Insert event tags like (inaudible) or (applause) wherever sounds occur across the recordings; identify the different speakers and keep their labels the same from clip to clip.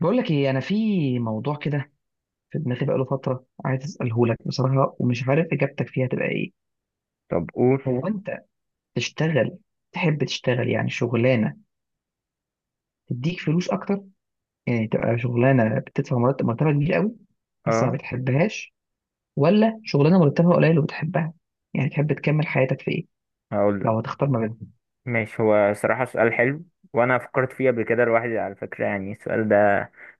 Speaker 1: بقول لك ايه؟ انا في موضوع كده في دماغي بقاله فتره، عايز اساله لك بصراحه ومش عارف اجابتك فيها تبقى ايه.
Speaker 2: طب قول.
Speaker 1: هو انت تشتغل تحب تشتغل يعني شغلانه تديك فلوس اكتر، يعني تبقى شغلانه بتدفع مرتبها كبير قوي بس ما
Speaker 2: اه،
Speaker 1: بتحبهاش، ولا شغلانه مرتبها قليل وبتحبها؟ يعني تحب تكمل حياتك في ايه
Speaker 2: هقول لك،
Speaker 1: لو هتختار ما بينهم؟
Speaker 2: ماشي. هو صراحة سؤال حلو، وانا فكرت فيه قبل كده لوحدي على فكرة، يعني السؤال ده،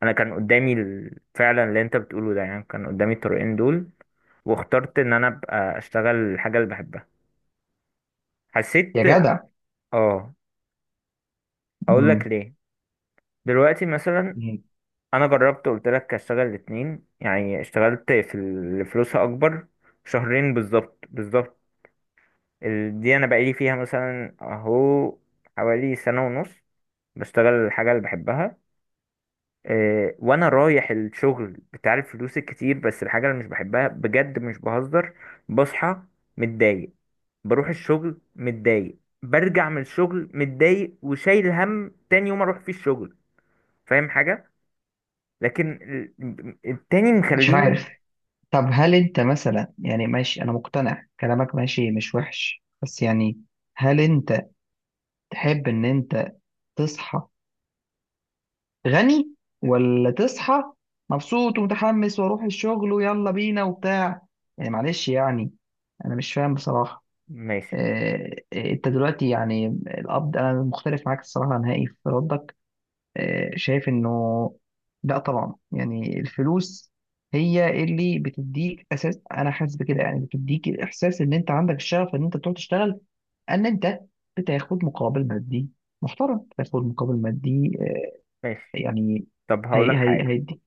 Speaker 2: انا كان قدامي فعلا اللي انت بتقوله ده، يعني كان قدامي الطريقين دول، واخترت ان انا ابقى اشتغل الحاجة اللي بحبها. حسيت.
Speaker 1: يا جدع.
Speaker 2: اه، هقول لك
Speaker 1: مم.
Speaker 2: ليه. دلوقتي مثلا انا جربت، قلت لك اشتغل الاتنين، يعني اشتغلت في اللي فلوسها اكبر شهرين بالظبط بالظبط. دي انا بقالي فيها مثلا اهو حوالي سنة ونص بشتغل الحاجة اللي بحبها، آه، وانا رايح الشغل بتاع الفلوس الكتير، بس الحاجة اللي مش بحبها، بجد مش بهزر. بصحى متضايق، بروح الشغل متضايق، برجع من الشغل متضايق، وشايل هم تاني يوم اروح فيه الشغل. فاهم حاجة؟ لكن التاني
Speaker 1: مش
Speaker 2: مخليني
Speaker 1: عارف. طب هل انت مثلا، يعني ماشي انا مقتنع، كلامك ماشي مش وحش، بس يعني هل انت تحب ان انت تصحى غني، ولا تصحى مبسوط ومتحمس واروح الشغل ويلا بينا وبتاع؟ يعني معلش يعني، انا مش فاهم بصراحة.
Speaker 2: ماشي
Speaker 1: انت دلوقتي يعني القبض، انا مختلف معاك الصراحة نهائي في ردك. شايف انه لا طبعا، يعني الفلوس هي اللي بتديك اساس، انا حاسس بكده، يعني بتديك الاحساس ان انت عندك الشغف ان انت تروح تشتغل، ان انت بتاخد مقابل مادي محترم، بتاخد مقابل مادي.
Speaker 2: ماشي.
Speaker 1: يعني
Speaker 2: طب
Speaker 1: هي
Speaker 2: هقولك
Speaker 1: هي
Speaker 2: حاجة.
Speaker 1: هيدي،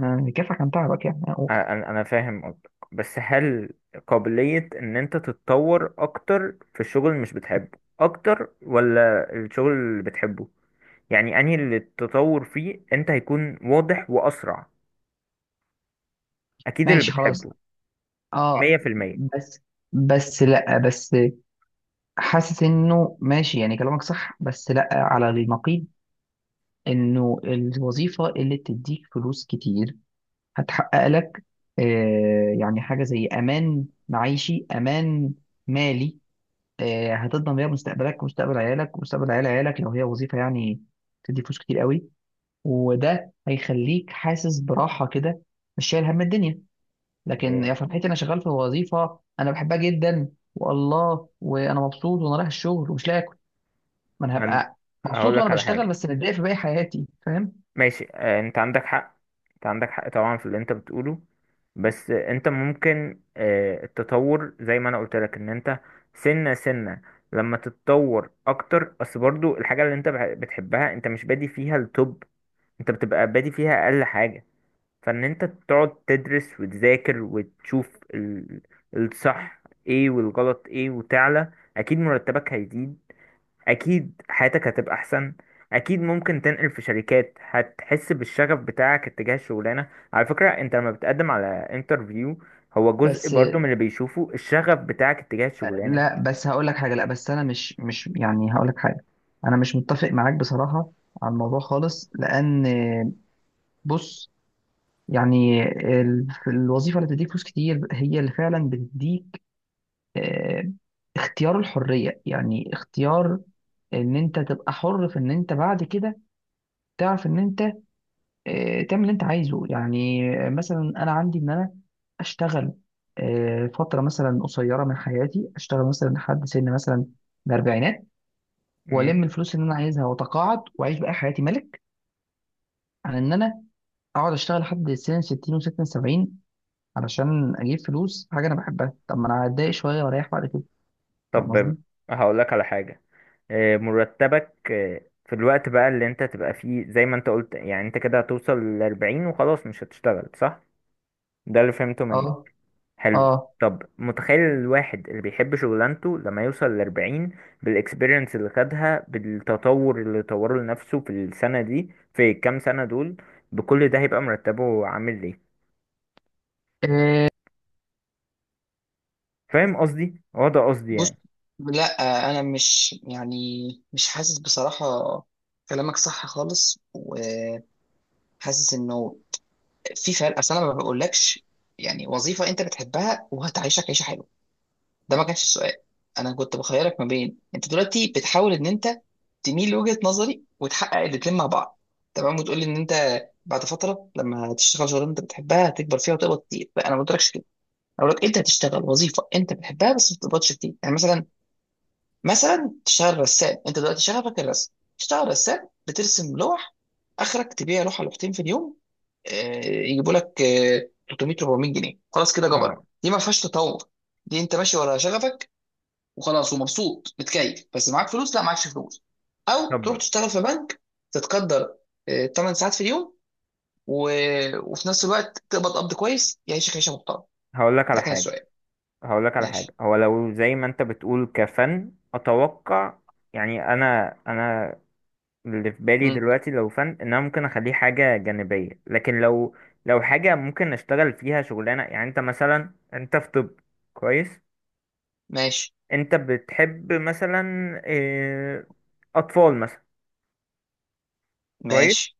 Speaker 1: هيكافئك عن تعبك يعني أقول.
Speaker 2: انا فاهم قصدك، بس هل قابلية ان انت تتطور اكتر في الشغل اللي مش بتحبه اكتر، ولا الشغل اللي بتحبه؟ يعني انهي اللي التطور فيه انت هيكون واضح واسرع؟ اكيد اللي
Speaker 1: ماشي خلاص.
Speaker 2: بتحبه، مية
Speaker 1: اه.
Speaker 2: في المية.
Speaker 1: بس بس لا بس حاسس انه ماشي، يعني كلامك صح، بس لا على النقيض. انه الوظيفه اللي بتديك فلوس كتير هتحقق لك آه يعني حاجه زي امان معيشي، امان مالي، آه هتضمن بيها مستقبلك ومستقبل عيالك ومستقبل عيال عيالك لو هي وظيفه يعني بتدي فلوس كتير قوي. وده هيخليك حاسس براحه كده، مش شايل هم الدنيا. لكن
Speaker 2: يعني
Speaker 1: يا فرحتي انا شغال في وظيفه انا بحبها جدا والله، وانا مبسوط وانا رايح الشغل ومش لاقي اكل. ما انا
Speaker 2: هن...
Speaker 1: هبقى
Speaker 2: هقول
Speaker 1: مبسوط وانا
Speaker 2: لك على
Speaker 1: بشتغل
Speaker 2: حاجة.
Speaker 1: بس متضايق في باقي حياتي، فاهم؟
Speaker 2: ماشي، آه، انت عندك حق، انت عندك حق طبعا في اللي انت بتقوله، بس آه، انت ممكن آه، التطور زي ما انا قلت لك، ان انت سنة سنة لما تتطور اكتر، اصل برضو الحاجة اللي انت بتحبها انت مش بادي فيها التوب، انت بتبقى بادي فيها اقل حاجة. فان انت تقعد تدرس وتذاكر وتشوف الصح ايه والغلط ايه وتعلى، اكيد مرتبك هيزيد، اكيد حياتك هتبقى احسن، اكيد ممكن تنقل في شركات. هتحس بالشغف بتاعك اتجاه الشغلانه، على فكره، انت لما بتقدم على انترفيو هو جزء
Speaker 1: بس
Speaker 2: برضو من اللي بيشوفه الشغف بتاعك اتجاه الشغلانه.
Speaker 1: لا بس هقول لك حاجه لا بس انا مش يعني هقول لك حاجه، انا مش متفق معاك بصراحه على الموضوع خالص، لان بص، يعني الوظيفه اللي بتديك فلوس كتير هي اللي فعلا بتديك آه، اختيار الحريه، يعني اختيار ان انت تبقى حر في ان انت بعد كده تعرف ان انت تعمل اللي انت عايزه. يعني مثلا انا عندي ان انا اشتغل فتره مثلا قصيره من حياتي، اشتغل مثلا لحد سن مثلا الاربعينات
Speaker 2: مم.
Speaker 1: والم الفلوس اللي انا عايزها واتقاعد واعيش بقى حياتي ملك، عن ان انا اقعد اشتغل لحد سن 60 و66 70 علشان اجيب فلوس حاجه انا بحبها. طب ما انا هتضايق شويه واريح بعد كده، فاهم
Speaker 2: طب
Speaker 1: قصدي؟
Speaker 2: هقول لك على حاجه. آه، مرتبك آه، في الوقت بقى اللي انت تبقى فيه زي ما انت قلت، يعني انت كده هتوصل ل 40 وخلاص مش هتشتغل، صح؟ ده اللي فهمته منك.
Speaker 1: اه
Speaker 2: حلو.
Speaker 1: اه
Speaker 2: طب متخيل الواحد اللي بيحب شغلانته لما يوصل لأربعين، بالإكسبيرينس اللي خدها، بالتطور اللي طوره لنفسه في السنة دي، في الكام سنة دول، بكل ده هيبقى مرتبه عامل ايه؟
Speaker 1: إيه،
Speaker 2: فاهم قصدي؟ هو ده قصدي
Speaker 1: بص
Speaker 2: يعني.
Speaker 1: لا انا مش يعني مش حاسس بصراحه. كلامك صح خالص وحاسس انه في فرق، اصل انا ما بقولكش يعني وظيفه انت بتحبها وهتعيشك عيشه حلوه، ده ما كانش السؤال. انا كنت بخيرك ما بين انت دلوقتي بتحاول ان انت تميل لوجهة نظري وتحقق الاتنين مع بعض، تمام، وتقول لي ان انت بعد فتره لما تشتغل شغلانه انت بتحبها هتكبر فيها وتقبض كتير، لا انا ما قلتلكش كده. انا بقول لك انت هتشتغل وظيفه انت بتحبها بس ما بتقبضش كتير، يعني مثلا تشتغل رسام، انت دلوقتي شغفك الرسم، تشتغل رسام بترسم لوح، اخرك تبيع لوحه لوحتين في اليوم، يجيبوا لك 300 400 جنيه، خلاص كده
Speaker 2: اه،
Speaker 1: جبرت، دي ما فيهاش تطور. دي انت ماشي ورا شغفك وخلاص ومبسوط متكيف، بس معاك فلوس؟ لا، معكش فلوس. او تروح
Speaker 2: طب
Speaker 1: تشتغل في بنك، تتقدر 8 ساعات في اليوم و... وفي نفس الوقت تقبض قبض كويس يعيشك عيشه محترمه.
Speaker 2: هقول لك
Speaker 1: ده
Speaker 2: على
Speaker 1: كان
Speaker 2: حاجة،
Speaker 1: السؤال.
Speaker 2: هقول لك على حاجة.
Speaker 1: ماشي.
Speaker 2: هو لو زي ما انت بتقول كفن، اتوقع يعني انا اللي في بالي
Speaker 1: مم.
Speaker 2: دلوقتي، لو فن، ان انا ممكن اخليه حاجه جانبيه، لكن لو حاجه ممكن اشتغل فيها شغلانه. يعني انت مثلا، انت في طب، كويس.
Speaker 1: ماشي
Speaker 2: انت بتحب مثلا آه، اطفال مثلا، كويس.
Speaker 1: ماشي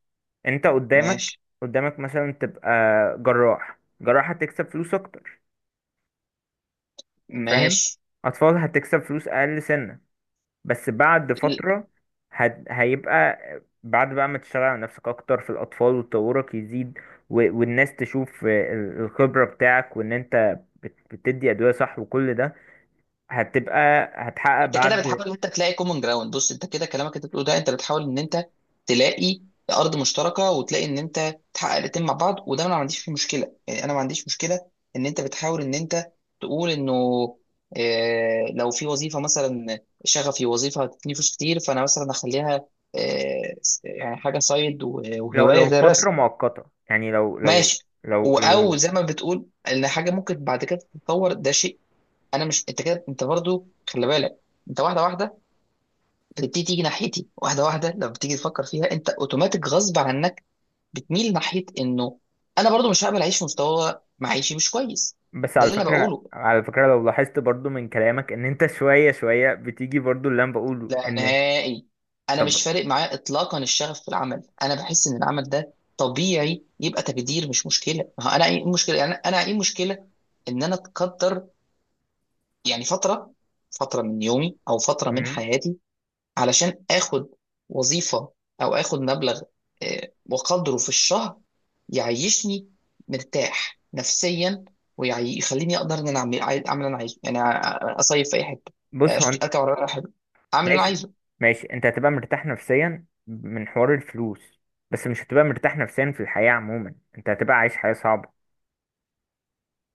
Speaker 2: انت قدامك،
Speaker 1: ماشي
Speaker 2: قدامك مثلا تبقى جراح، جراح هتكسب فلوس اكتر، فاهم؟
Speaker 1: ماشي.
Speaker 2: اطفال هتكسب فلوس اقل سنه، بس بعد فترة هيبقى بعد بقى ما تشتغل على نفسك أكتر في الأطفال وتطورك يزيد، و... والناس تشوف الخبرة بتاعك، وإن أنت بتدي أدوية صح، وكل ده هتبقى هتحقق
Speaker 1: انت كده
Speaker 2: بعد
Speaker 1: بتحاول ان انت تلاقي كومن جراوند. بص، انت كده كلامك انت بتقوله ده، انت بتحاول ان انت تلاقي ارض مشتركه وتلاقي ان انت تحقق الاتنين مع بعض، وده انا ما عنديش فيه مشكله، يعني انا ما عنديش مشكله ان انت بتحاول ان انت تقول انه اه لو في وظيفه مثلا شغفي وظيفه هتديني فلوس كتير، فانا مثلا اخليها اه يعني حاجه سايد
Speaker 2: لو
Speaker 1: وهوايه
Speaker 2: لو
Speaker 1: زي
Speaker 2: فترة
Speaker 1: الرسم،
Speaker 2: مؤقتة. يعني لو لو
Speaker 1: ماشي،
Speaker 2: لو
Speaker 1: او
Speaker 2: لو
Speaker 1: زي ما بتقول ان حاجه ممكن بعد كده تتطور، ده شيء. انا مش، انت كده انت برضو خلي بالك، انت واحده واحده بتبتدي تيجي ناحيتي، واحده واحده لما بتيجي تفكر فيها انت اوتوماتيك غصب عنك بتميل ناحيه انه انا برضو مش هقبل اعيش في مستوى معيشي مش كويس.
Speaker 2: بس
Speaker 1: ده
Speaker 2: على
Speaker 1: اللي انا
Speaker 2: فكرة،
Speaker 1: بقوله،
Speaker 2: على فكرة لو لاحظت برضو من كلامك إن أنت شوية شوية بتيجي برضو اللي أنا بقوله
Speaker 1: لا
Speaker 2: إن...
Speaker 1: نهائي انا
Speaker 2: طب.
Speaker 1: مش فارق معايا اطلاقا الشغف في العمل، انا بحس ان العمل ده طبيعي يبقى تقدير مش مشكله، ما هو انا ايه المشكله، يعني انا ايه المشكله ان انا اتقدر يعني فتره من يومي او فتره من
Speaker 2: مم.
Speaker 1: حياتي، علشان اخد وظيفة او اخد مبلغ وقدره في الشهر يعيشني مرتاح نفسيا، ويخليني اقدر ان انا اعمل اعمل اللي انا عايزه، يعني اصيف في اي حته،
Speaker 2: بص، هو
Speaker 1: اركب عربيه في اي حته، اعمل اللي انا
Speaker 2: ماشي،
Speaker 1: عايزه.
Speaker 2: ماشي، انت هتبقى مرتاح نفسيا من حوار الفلوس، بس مش هتبقى مرتاح نفسيا في الحياة عموما. انت هتبقى عايش حياة صعبة،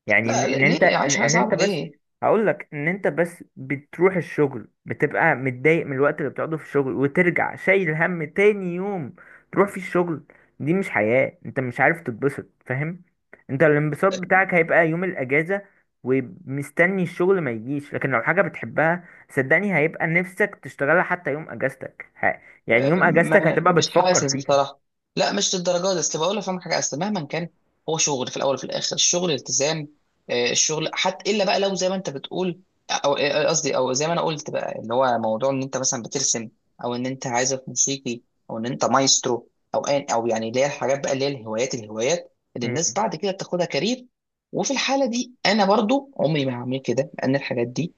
Speaker 2: يعني ان ان انت
Speaker 1: ليه
Speaker 2: ان
Speaker 1: عايش حياه
Speaker 2: إن انت
Speaker 1: صعبه
Speaker 2: بس
Speaker 1: ليه؟
Speaker 2: هقول لك ان انت بس بتروح الشغل بتبقى متضايق من الوقت اللي بتقعده في الشغل، وترجع شايل هم تاني يوم تروح في الشغل. دي مش حياة، انت مش عارف تتبسط، فاهم؟ انت الانبساط بتاعك هيبقى يوم الاجازة، ومستني الشغل ما يجيش. لكن لو حاجة بتحبها، صدقني هيبقى نفسك تشتغلها حتى يوم اجازتك يعني يوم اجازتك
Speaker 1: ما
Speaker 2: هتبقى
Speaker 1: مش
Speaker 2: بتفكر
Speaker 1: حاسس
Speaker 2: فيها.
Speaker 1: بصراحه، لا مش للدرجه دي. اصل بقول لك، فاهم حاجه، اصل مهما كان هو شغل في الاول وفي الاخر، الشغل التزام، الشغل حتى الا بقى لو زي ما انت بتقول او قصدي، او زي ما انا قلت بقى، اللي هو موضوع ان انت مثلا بترسم او ان انت عازف موسيقي او ان انت مايسترو، او او يعني اللي هي الحاجات بقى اللي هي الهوايات، الهوايات اللي الناس
Speaker 2: مم.
Speaker 1: بعد كده بتاخدها كارير، وفي الحاله دي انا برضو عمري ما هعمل كده، لان الحاجات دي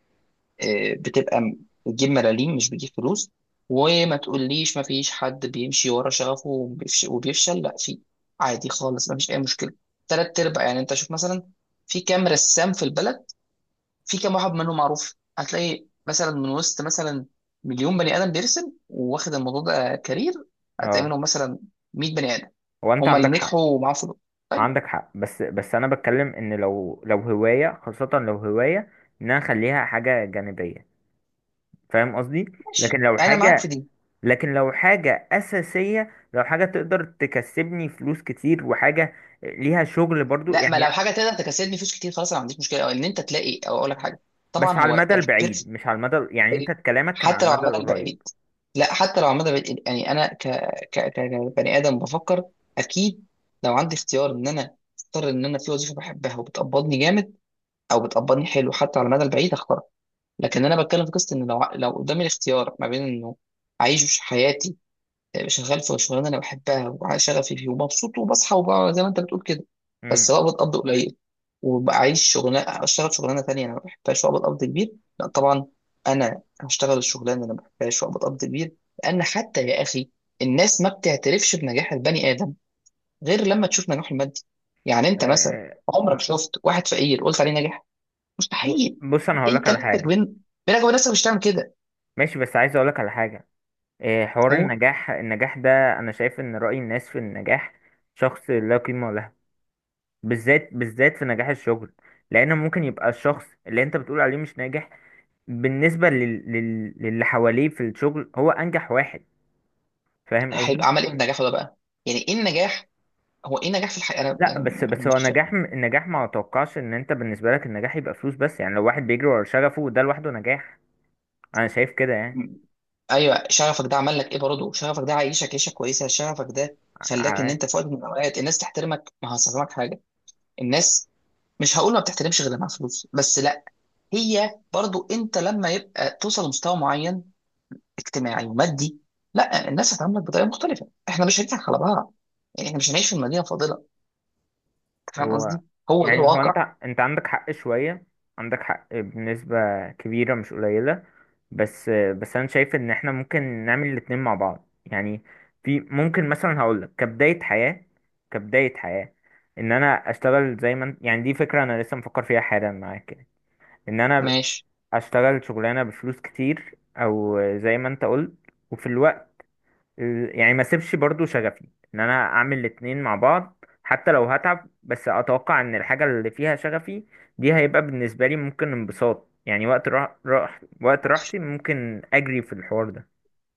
Speaker 1: بتبقى بتجيب ملاليم مش بتجيب فلوس. وما تقوليش ما فيش حد بيمشي ورا شغفه وبيفشل، لا في، عادي خالص ما فيش اي مشكله، تلات ارباع. يعني انت شوف مثلا في كام رسام في البلد، في كام واحد منهم معروف؟ هتلاقي مثلا من وسط مثلا مليون بني ادم بيرسم واخد الموضوع ده كارير، هتلاقي
Speaker 2: اه،
Speaker 1: منهم مثلا 100 بني ادم
Speaker 2: هو انت
Speaker 1: هما اللي
Speaker 2: عندك حق،
Speaker 1: نجحوا ومعاهم فلوس. طيب.
Speaker 2: عندك حق، بس بس انا بتكلم ان لو هوايه خاصه، لو هوايه ان انا اخليها حاجه جانبيه، فاهم قصدي؟
Speaker 1: ماشي
Speaker 2: لكن لو
Speaker 1: انا معاك في
Speaker 2: حاجه،
Speaker 1: دي.
Speaker 2: لكن لو حاجه اساسيه، لو حاجه تقدر تكسبني فلوس كتير وحاجه ليها شغل برضو
Speaker 1: لا ما
Speaker 2: يعني.
Speaker 1: لو حاجه تقدر تكسبني فلوس كتير خلاص انا ما عنديش مشكله، او ان انت تلاقي، او اقول لك حاجه، طبعا
Speaker 2: بس على
Speaker 1: هو
Speaker 2: المدى
Speaker 1: البيرس.
Speaker 2: البعيد، مش على المدى، يعني انت كلامك كان على
Speaker 1: حتى لو على
Speaker 2: المدى
Speaker 1: المدى
Speaker 2: القريب.
Speaker 1: البعيد، لا حتى لو على المدى البعيد يعني انا كبني ادم بفكر اكيد لو عندي اختيار ان انا اختار ان انا في وظيفه بحبها وبتقبضني جامد او بتقبضني حلو حتى على المدى البعيد هختارها. لكن انا بتكلم في قصه ان لو قدامي الاختيار ما بين انه اعيش حياتي مش هشتغل في شغلانه انا بحبها وشغفي فيه ومبسوط وبصحى وبقى زي ما انت بتقول كده بس
Speaker 2: امم،
Speaker 1: بقى بتقبض قليل، وبعيش شغلانه، اشتغل شغلانه تانية انا ما بحبهاش وأقبض قبض كبير، لا طبعا انا هشتغل الشغلانه اللي انا ما بحبهاش وأقبض قبض كبير. لان حتى يا اخي الناس ما بتعترفش بنجاح البني ادم غير لما تشوف نجاحه المادي. يعني
Speaker 2: آه،
Speaker 1: انت مثلا
Speaker 2: آه،
Speaker 1: عمرك شفت واحد فقير قلت عليه ناجح؟ مستحيل.
Speaker 2: بص، انا هقولك
Speaker 1: انت
Speaker 2: على
Speaker 1: نفسك
Speaker 2: حاجه.
Speaker 1: بينك وبين نفسك مش هتعمل كده.
Speaker 2: ماشي، بس عايز اقولك على حاجه. آه، حوار
Speaker 1: هو
Speaker 2: النجاح، النجاح ده انا شايف ان رأي الناس في النجاح شخص لا قيمة له، بالذات بالذات في نجاح الشغل، لان ممكن يبقى الشخص اللي انت بتقول عليه مش ناجح بالنسبه للي حواليه في الشغل هو انجح واحد، فاهم قصدي؟
Speaker 1: هيبقى عمل ايه بنجاحه ده بقى، يعني ايه النجاح؟ هو ايه نجاح في الحياه انا
Speaker 2: لا، بس
Speaker 1: يعني انا
Speaker 2: بس هو
Speaker 1: مش فا-
Speaker 2: نجاح النجاح، ما اتوقعش ان انت بالنسبه لك النجاح يبقى فلوس بس. يعني لو واحد بيجري ورا شغفه ده، لوحده نجاح، انا شايف كده.
Speaker 1: م- ايوه شغفك ده عمل لك ايه برضه، شغفك ده عايشك عيشه كويسه، شغفك ده خلاك ان
Speaker 2: يعني
Speaker 1: انت في وقت من الاوقات الناس تحترمك؟ ما هفهمك حاجه، الناس، مش هقول ما بتحترمش غير لما معاها فلوس، بس لا، هي برضه انت لما يبقى توصل لمستوى معين اجتماعي ومادي، لا الناس هتعاملك بطريقه مختلفه، احنا مش هنضحك على بعض، يعني احنا مش هنعيش في المدينه الفاضله، أنت فاهم
Speaker 2: هو،
Speaker 1: قصدي، هو ده
Speaker 2: يعني هو انت،
Speaker 1: الواقع.
Speaker 2: انت عندك حق شوية، عندك حق بنسبة كبيرة مش قليلة، بس بس انا شايف ان احنا ممكن نعمل الاتنين مع بعض يعني. في ممكن مثلا هقولك كبداية حياة، كبداية حياة ان انا اشتغل زي ما يعني دي فكرة انا لسه مفكر فيها حالا معاك يعني، ان انا
Speaker 1: ماشي.
Speaker 2: اشتغل شغلانة بفلوس كتير، او زي ما انت قلت، وفي الوقت يعني ما سيبش برضو شغفي، ان انا اعمل الاتنين مع بعض حتى لو هتعب. بس اتوقع ان الحاجة اللي فيها شغفي دي هيبقى بالنسبة لي ممكن انبساط، يعني وقت راح وقت راحتي ممكن اجري في الحوار ده.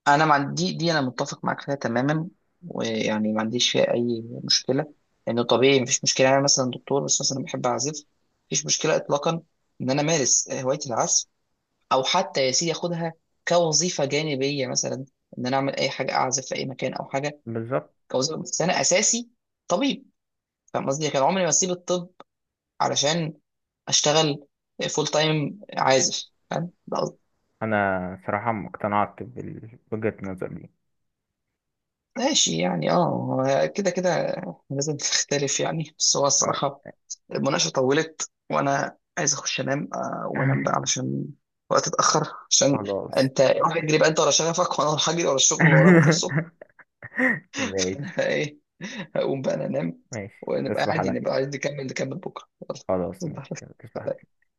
Speaker 1: انا ما عندي دي، انا متفق معاك فيها تماما، ويعني ما عنديش فيها اي مشكله، لانه طبيعي مفيش مشكله. يعني انا مثلا دكتور بس مثلا بحب اعزف، مفيش مشكله اطلاقا ان انا امارس هوايه العزف، او حتى يا سيدي اخدها كوظيفه جانبيه مثلا، ان انا اعمل اي حاجه اعزف في اي مكان او حاجه
Speaker 2: بالظبط.
Speaker 1: كوظيفه، بس انا اساسي طبيب. فاهم قصدي؟ كان عمري ما اسيب الطب علشان اشتغل فول تايم عازف. فاهم ده قصدي.
Speaker 2: انا صراحة اقتنعت بوجهة النظر دي،
Speaker 1: ماشي يعني اه، هو كده كده لازم تختلف يعني، بس هو
Speaker 2: آه.
Speaker 1: الصراحه المناقشة طولت وأنا عايز أخش أنام، وما أنام بقى
Speaker 2: (laughs)
Speaker 1: علشان وقت اتأخر، عشان
Speaker 2: خلاص.
Speaker 1: أنت روح اجري بقى أنت ورا شغفك، وأنا هروح أجري ورا الشغل اللي ورايا بكرة الصبح.
Speaker 2: (laughs)
Speaker 1: (laughs)
Speaker 2: ماشي،
Speaker 1: أنا إيه، هقوم بقى أنا أنام،
Speaker 2: ماشي،
Speaker 1: ونبقى
Speaker 2: تصبح
Speaker 1: عادي،
Speaker 2: على
Speaker 1: نبقى عايز
Speaker 2: خير.
Speaker 1: نكمل، نكمل بكرة يلا.
Speaker 2: خلاص،
Speaker 1: تصبح
Speaker 2: ماشي، يلا،
Speaker 1: على خير.
Speaker 2: تصبح.